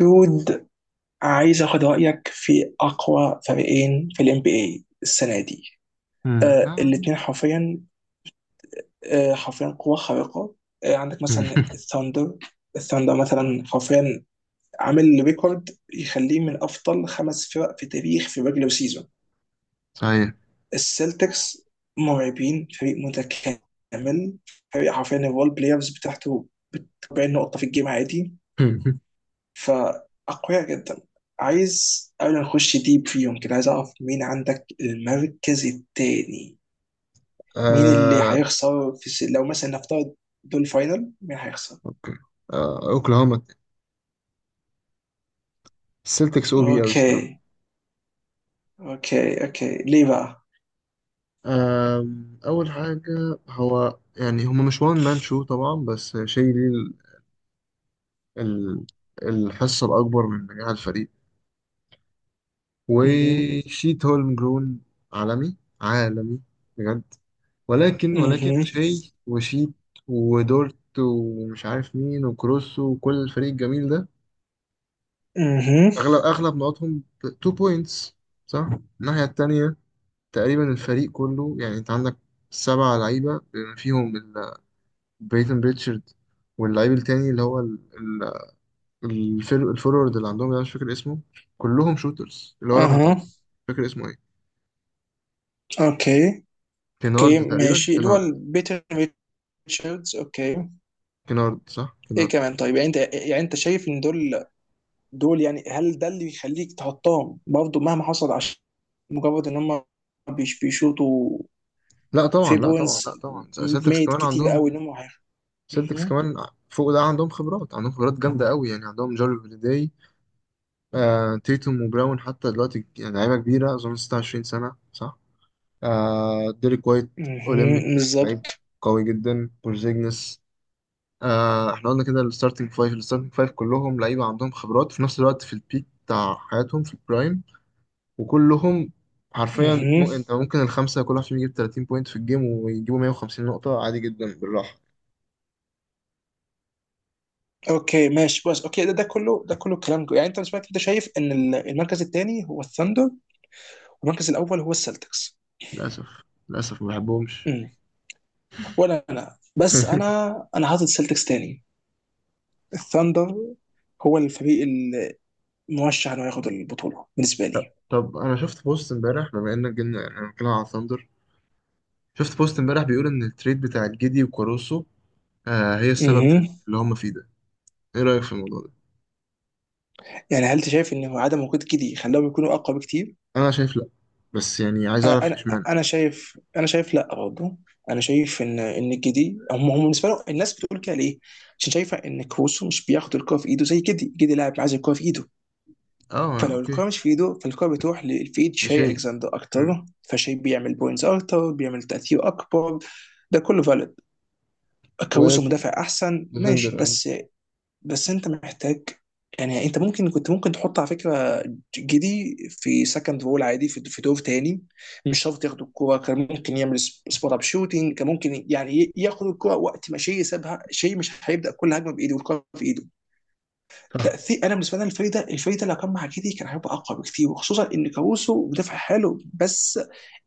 دود، عايز اخد رايك في اقوى فريقين في الام بي اي السنه دي. مم. آه، آه. الاثنين حرفيا. آه حرفيا قوه خارقه. آه، عندك مثلا الثاندر. الثاندر مثلا حرفيا عامل ريكورد يخليه من افضل خمس فرق في تاريخ في ريجلر سيزون. صحيح. السلتكس مرعبين، فريق متكامل. فريق حرفيا الرول بلايرز بتاعته 40 نقطه في الجيم عادي. فأقوياء جدا. عايز قبل ما نخش ديب فيهم كده، عايز أعرف مين عندك المركز التاني. مين اللي آه. هيخسر لو مثلا نفترض دول فاينل، مين هيخسر؟ اوكي. آه. اوكلاهوما، السلتكس او بي قوي الصراحه. أوكي. أوكي ليه بقى؟ آه. اول حاجه هو يعني هما مش وان مان شو طبعا، بس شيء ليه ال- الحصه الاكبر من نجاح الفريق. اها. وشيت هولم جرون، عالمي عالمي بجد. ولكن اها. شيء وشيت ودورت ومش عارف مين وكروس وكل الفريق الجميل ده، اها. اغلب نقطهم 2 بوينتس، صح. الناحيه التانية تقريبا الفريق كله، يعني انت عندك 7 لعيبه بما فيهم بريتن ريتشارد. واللعيب التاني اللي هو الفورورد اللي عندهم ده مش فاكر اسمه، كلهم شوترز، اللي هو رقم اها. 30 مش فاكر اسمه ايه. أوكي. أوكي كينارد، تقريبا ماشي، اللي هو كينارد. البيتر ريتشاردز. أوكي. كينارد، صح إيه كينارد. كمان؟ طيب يعني أنت شايف إن دول، يعني هل ده اللي يخليك تحطهم برضه مهما حصل؟ عشان مجرد ان هم بيشوطوا لا طبعا، في لا طبعا، لا بوينتس طبعا، سيلتكس ميد كمان كتير قوي عندهم. ان سيلتكس مهم. كمان، فوق ده عندهم خبرات جامده قوي يعني. عندهم جاري هوليداي، آه، تيتوم وبراون، حتى دلوقتي يعني لعيبة كبيرة، أظن 26 سنة صح؟ آه ديريك وايت، مهم. أولمبيكس لعيب بالظبط. قوي جدا. بورزيجنس. آه احنا قلنا كده، الستارتنج فايف كلهم لعيبة عندهم خبرات، في نفس الوقت في البيك بتاع حياتهم في البرايم، وكلهم حرفيا. مهم. مو انت ممكن الخمسة كل واحد فيهم يجيب 30 بوينت في الجيم ويجيبوا 150 نقطة عادي جدا بالراحة. اوكي ماشي، بس اوكي، ده كله كلام يعني انت بالنسبه لك انت شايف ان المركز الثاني هو الثاندر والمركز الاول هو السلتكس. للأسف، للأسف ما بحبهمش. مم. ولا انا؟ بس انا انا حاطط السلتكس ثاني. الثاندر هو الفريق المرشح انه ياخد البطوله بالنسبه طب لي. طب انا شفت بوست امبارح، بما انك جبنا، يعني انا بتكلم على ثاندر. شفت بوست امبارح بيقول ان التريد بتاع الجدي وكاروسو آه هي السبب في مهم. في اللي هم فيه ده. ايه رأيك في الموضوع ده؟ يعني هل انت شايف ان عدم وجود كيدي خلاهم يكونوا اقوى بكتير؟ انا شايف لا، بس يعني عايز اعرف انا اشمعنى. انا شايف، انا شايف لا برضه. انا شايف ان كيدي هم بالنسبه لهم. الناس بتقول كده ليه؟ عشان شايفه ان كروسو مش بياخد الكوره في ايده زي كيدي، كيدي لاعب عايز الكوره في ايده. اه فلو اوكي. الكوره مش في ايده، فالكوره بتروح في ايد ده شاي شيء. الكسندر مم. اكتر، فشاي بيعمل بوينتس اكتر، بيعمل تاثير اكبر. ده كله فالid. وهي كروسو كرة. مدافع احسن ماشي، ديفندر، اه بس. بس انت محتاج، يعني انت ممكن، كنت ممكن تحط على فكره جدي في سكند رول عادي، في في دور تاني. مش شرط ياخد الكوره، كان ممكن يعمل سبوت اب شوتنج، كان ممكن يعني ياخد الكوره وقت ما شيء سابها. شيء مش هيبدا كل هجمه بايده والكوره في ايده. صح. تاثير، انا بالنسبه لي الفريق ده، الفريق ده لو كان مع جدي كان هيبقى اقوى بكتير، وخصوصا ان كاروسو مدافع حلو بس.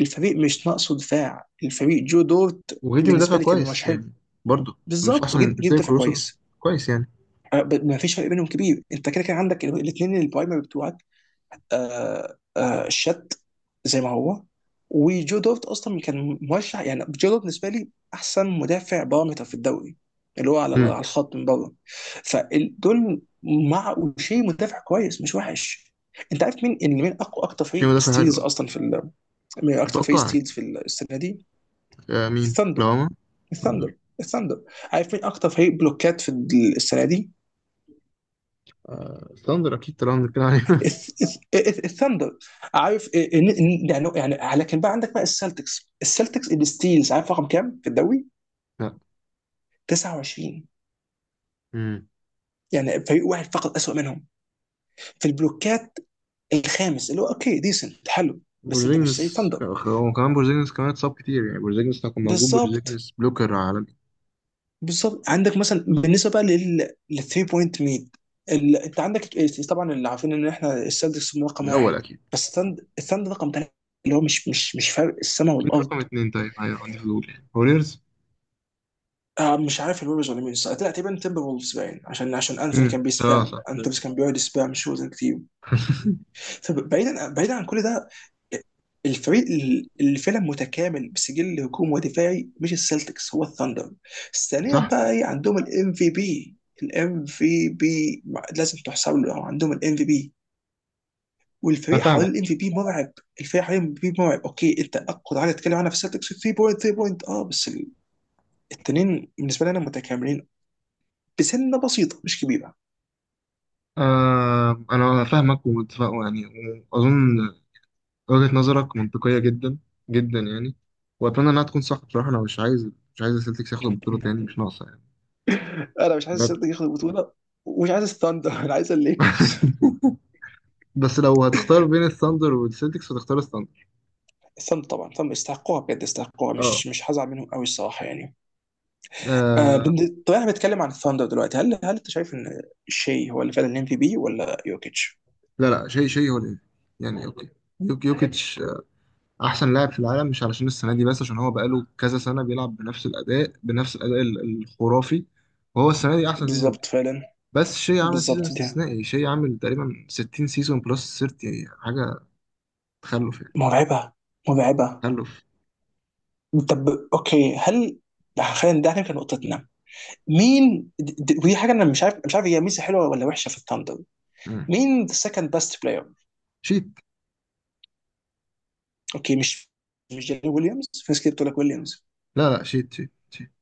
الفريق مش ناقصه دفاع، الفريق جو دورت وجدي مدافع بالنسبه لي كان كويس مرشحين. يعني، برضه. مش بالظبط، احسن جد، من- مش جد زي دافع كاروسو، بس كويس. كويس يعني. ما فيش فرق بينهم كبير، انت كده كده عندك الاثنين البرايمري بتوعك. شات زي ما هو. وجو دوفت اصلا كان مرشح، يعني جو دوفت بالنسبه لي احسن مدافع بارامتر في الدوري، اللي هو على على امم الخط من بره. فدول مع وشي مدافع كويس مش وحش. انت عارف مين اللي من اقوى اكتر شيء فريق مدافع حلو. ستيلز آه. اصلا من اكتر فريق اتوقع ستيلز يعني. في السنه دي؟ آه مين الثاندر. كلاما؟ الثاندر. ثاندر. الثاندر. عارف مين اكتر فريق بلوكات في السنه دي؟ ثاندر اكيد طالما بنتكلم عليه. الثاندر. عارف يعني لكن بقى عندك بقى السلتكس الستيلز عارف رقم كام في الدوري؟ لا. 29. امم يعني فريق واحد فقط اسوأ منهم في البلوكات. الخامس، اللي هو اوكي، ديسنت، حلو بس، انت مش زي ثاندر. بورزينجس كمان اتصاب كتير يعني، بورزينجس لو كان موجود، بالظبط. بورزينجس بلوكر. بالظبط. عندك مثلا بالنسبه بقى لل 3 بوينت ميد ال... انت عندك ال- طبعا اللي عارفين ان احنا السلتكس رقم الأول واحد، أكيد. بس أكيد. الثاندر رقم ثلاثه، اللي هو مش فرق السماء مين والارض. رقم اتنين طيب؟ أيوة عندي فضول يعني، ووريرز. آه مش عارف الويبرز ولا مين الصراحة. لا، تقريبا تيمبر وولفز باين، عشان عشان انثوني كان اه بيسبام، صح انثوني ممكن. كان بيقعد يسبام شوز كتير. فبعيدا عن كل ده، الفريق اللي فعلا متكامل بسجل هجوم ودفاعي مش السلتكس، هو الثاندر. ثانيا صح؟ بقى، ايه؟ عندهم الام في بي. الام في بي لازم تحسب له. عندهم الام في بي أنا والفريق فاهمك. حوالين الام في بي مرعب. الفريق حوالين الام في بي مرعب. اوكي، انت اقوى حاجه تتكلم عنها في السلتكس 3 بوينت، 3 بوينت اه، بس التنين بالنسبه لي انا متكاملين بسنه بسيطه مش كبيره. آه أنا فاهمك ومتفق يعني، وأظن وجهة نظرك منطقية جدا، جدا يعني. وأتمنى إنها تكون صح، بصراحة أنا مش عايز السلتكس ياخدوا البطولة تاني، مش ناقصة يعني. انا مش عايز بجد. السلتيك ياخد البطوله ومش عايز الثاندر، انا عايز الليكرز. بس لو هتختار بين الثاندر والسلتكس هتختار الثاندر. الثاندر طبعا، الثاندر يستحقوها بجد، يستحقوها، اه. مش هزعل منهم قوي الصراحه يعني. آه. طب احنا بنتكلم عن الثاندر دلوقتي، هل انت شايف ان شي هو اللي فعلا الام في بي ولا يوكيتش؟ لا لا، شيء هو الإيه، يعني أوكي. يوكيتش احسن لاعب في العالم، مش علشان السنه دي بس، عشان هو بقاله كذا سنه بيلعب بنفس الاداء، الخرافي. وهو السنه دي احسن سيزون. بالظبط فعلا. بس شيء عامل سيزون بالظبط دي استثنائي، شيء عامل تقريبا 60 سيزون بلس 30 حاجه. تخلف يعني، مرعبه، مرعبه. تخلف. طب، اوكي، هل، خلينا، ده كان نقطتنا. مين ودي حاجه انا مش عارف، مش عارف هي ميزه حلوه ولا وحشه في الثاندر، مم. مين ذا سكند بيست بلاير؟ شيت. اوكي، مش جيري ويليامز، في ناس كتير بتقول لك ويليامز، لا لا، شيت شيت شيت.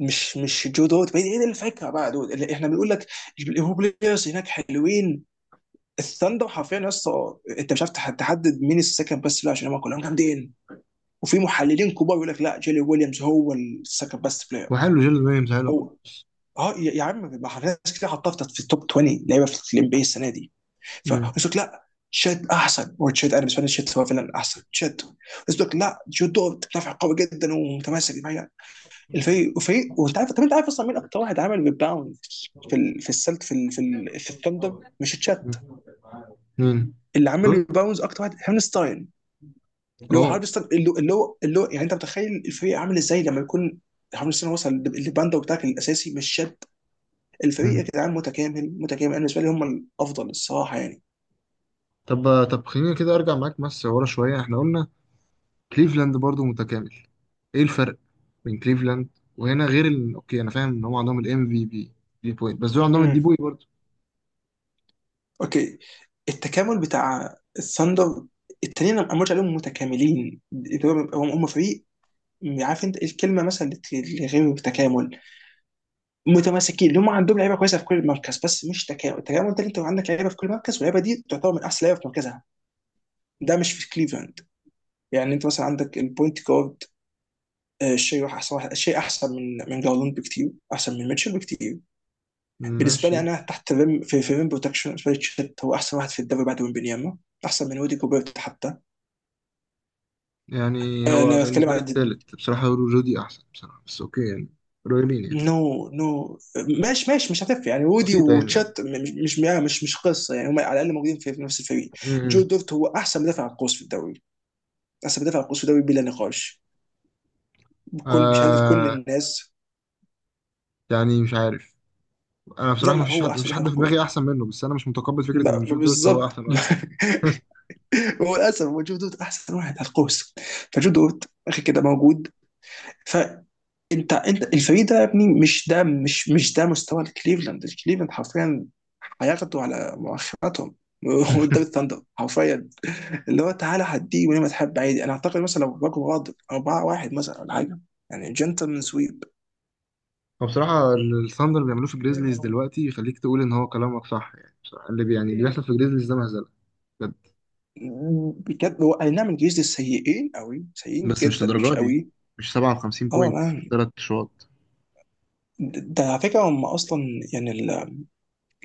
مش جو دوت، بعيد. ايه الفكره بقى؟ دول اللي احنا بنقول لك الهو بلايرز هناك حلوين. الثاندر حرفيا يا اسطى انت مش عارف تحدد مين السكند بيست بلاير، عشان هم كلهم جامدين. وفي محللين كبار يقول لك لا، جيري ويليامز هو السكند بيست بلاير. وحلو، جيل ويليامز حلو برضه. هو اه، يا عم، ما احنا ناس كتير حطها في التوب 20 لعيبه في الام بي السنه دي. مم. فقلت لك لا، تشيت احسن، وتشيت انا بالنسبه لي تشيت هو فعلا احسن تشيت. قلت لك لا، جو دوت مدافع قوي جدا ومتماسك مم. الفريق، وفريق، وانت عارف. طب انت عارف اصلا مين اكتر واحد عمل ريباوند في ال... في السلت في ال... في, ال... في الثندر مش تشات؟ مين اللي عمل دول؟ ريباوندز اكتر واحد هارنستاين، اللي هو اه. هارنستاين، اللي هو يعني انت متخيل الفريق عامل ازاي لما يكون هارنستاين وصل للباندا بتاعك الاساسي مش شد؟ الفريق يا مم. جدعان متكامل، متكامل. انا بالنسبه لي هم الافضل الصراحه يعني. طب خلينا كده، ارجع معاك بس ورا شويه. احنا قلنا كليفلاند برضو متكامل، ايه الفرق بين كليفلاند وهنا، غير ال... اوكي، انا فاهم ان هم عندهم الام في بي، دي بوينت، بس دول عندهم الدي امم. بوي برضو. اوكي، التكامل بتاع الثندر، التانيين انا ما قلتش عليهم متكاملين، هم فريق، عارف انت الكلمه مثلا اللي غير التكامل؟ متماسكين، اللي هم عندهم لعيبه كويسه في كل مركز بس مش تكامل. التكامل ده اللي انت عندك لعيبه في كل مركز واللعيبه دي تعتبر من احسن لعيبه في مركزها، ده مش في كليفلاند. يعني انت مثلا عندك البوينت جارد، آه، شيء احسن واحد. شيء احسن من من جارلاند بكتير، احسن من ميتشل بكتير. بالنسبه لي ماشي. انا، تحت الريم، في في ريم بروتكشن، بالنسبه لي تشيت هو احسن واحد في الدوري بعد ويمبينياما. احسن من ودي جوبيرت حتى. يعني أه هو لو اتكلم بالنسبه لي عن، التالت بصراحه، رودي احسن بصراحه، بس اوكي يعني، قريبين يعني، نو نو، ماشي ماشي، مش هتفرق يعني وودي بسيطه يعني، اه. وتشات مش قصه يعني، هم على الاقل موجودين في في نفس الفريق. جو م-م. دورت هو احسن مدافع على القوس في الدوري، احسن مدافع على القوس في الدوري بلا نقاش، بكل بشهاده كل آه، الناس. يعني مش عارف. انا لا بصراحه ما لا، فيش هو حد ما احسن فيش مدافع على حد في القوس. دماغي احسن منه، بس انا مش متقبل فكره ان جو دورت هو بالظبط. احسن واحد. هو للاسف هو جو دورت احسن واحد على القوس. فجو دورت اخي كده موجود. فانت، انت، الفريق ده يا ابني، مش ده، مش ده مستوى الكليفلاند. الكليفلاند حرفيا هياخدوا على مؤخراتهم قدام الثاندر حرفيا. اللي هو تعالى هديه وليه ما تحب عادي، انا اعتقد مثلا لو باكو غاضب 4 واحد مثلا ولا حاجه، يعني جنتلمان سويب. هو بصراحة الثاندر اللي بيعملوه في الجريزليز دلوقتي يخليك تقول إن هو كلامك صح، يعني بصراحة يعني اللي بيحصل في الجريزليز ده مهزلة. بجد. بجد، هو اي نعم، الجيش دي سيئين قوي، سيئين بس مش جدا مش للدرجه دي، قوي. مش 57 اه بوينت في مان. 3 شوط. ده على فكره هم اصلا، يعني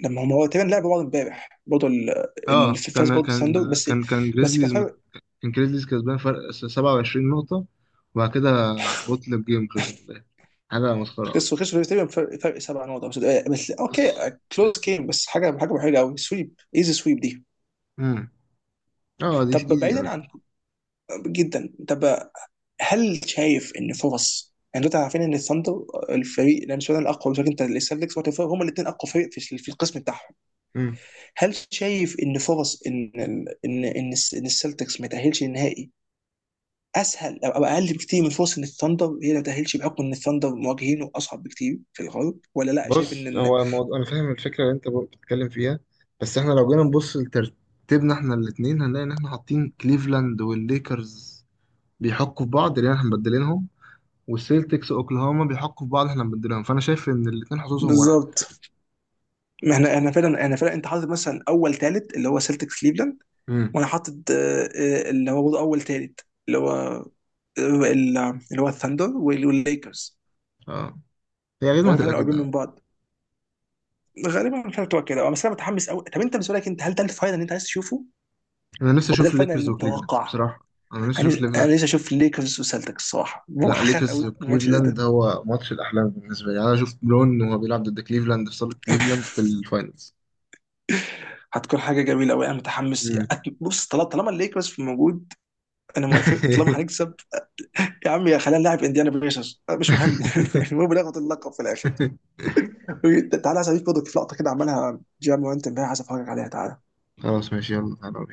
لما هم، هو تقريبا لعبوا بعض امبارح برضه، اللي اه فاز برضه ساندو بس، كان كان بس كان جريزليز مت- فرق. كان جريزليز كسبان فرق 27 نقطة، وبعد كده بطل جيم خسر في الآخر. حاجة مسخرة خسروا والله. خسروا تقريبا فرق، فرق سبع نقط أو بس اوكي، بس. كلوز جيم، بس حاجه حلوه قوي، سويب ايزي سويب دي. امم اه دي طب ايزي بعيدا قوي. عن، جدا، طب، هل شايف ان فرص، يعني دلوقتي عارفين ان الثاندر الفريق لان سؤال الاقوى مش عارف، انت السلتكس والتفاهم هم الاثنين اقوى فريق في في القسم بتاعهم، امم هل شايف ان فرص ان السلتكس ما تاهلش للنهائي اسهل او أو اقل بكتير من فرص ان الثاندر هي ما تاهلش، بحكم ان الثاندر مواجهينه اصعب بكتير في الغرب، ولا لا شايف ان بص، ال...؟ هو الموضوع انا فاهم الفكرة اللي انت بتتكلم فيها، بس احنا لو جينا نبص لترتيبنا احنا الاتنين، هنلاقي ان احنا حاطين كليفلاند والليكرز بيحكوا في بعض لان احنا مبدلينهم، والسيلتكس اوكلاهوما بيحقوا في بعض احنا بنديلهم. فانا شايف ان الاثنين حظوظهم واحد. بالظبط. ما احنا، انا فعلا انت حاطط مثلا اول ثالث اللي هو سلتكس كليفلاند، امم وانا حاطط اللي هو برضه اول ثالث، اللي هو ال- اللي هو الثاندر والليكرز. اه هي غير ما فهم هتبقى فعلا قريبين كده. من بعض. غالبا مش هتبقى كده أه، بس انا متحمس قوي. طب انت بالنسبه لك انت، هل ده الفاينل اللي انت عايز تشوفه ولا انا نفسي ده اشوف الفاينل الليكرز اللي وكليفلاند متوقع؟ بصراحه. انا نفسي اشوف انا ليفلاند. لسه اشوف ليكرز وسلتكس الصراحه، لا، وهخاف قوي الليكرز من الماتش زي وكليفلاند ده. هو ماتش الاحلام بالنسبه لي، يعني انا اشوف برون وهو بيلعب ضد كليفلاند في صاله كليفلاند في الفاينلز. هتكون حاجه جميله قوي، انا متحمس. امم بص، طالما الليكرز في موجود انا موافق، طالما هنكسب يا عم، يا خلينا نلعب انديانا بيسرز أه، مش مهم. المهم ناخد اللقب في الاخر. تعالى عايز اضيف برضه في لقطه كده عملها جيم وانت امبارح، عايز افرجك عليها، تعالى. خلاص ماشي، يلا تعالوا.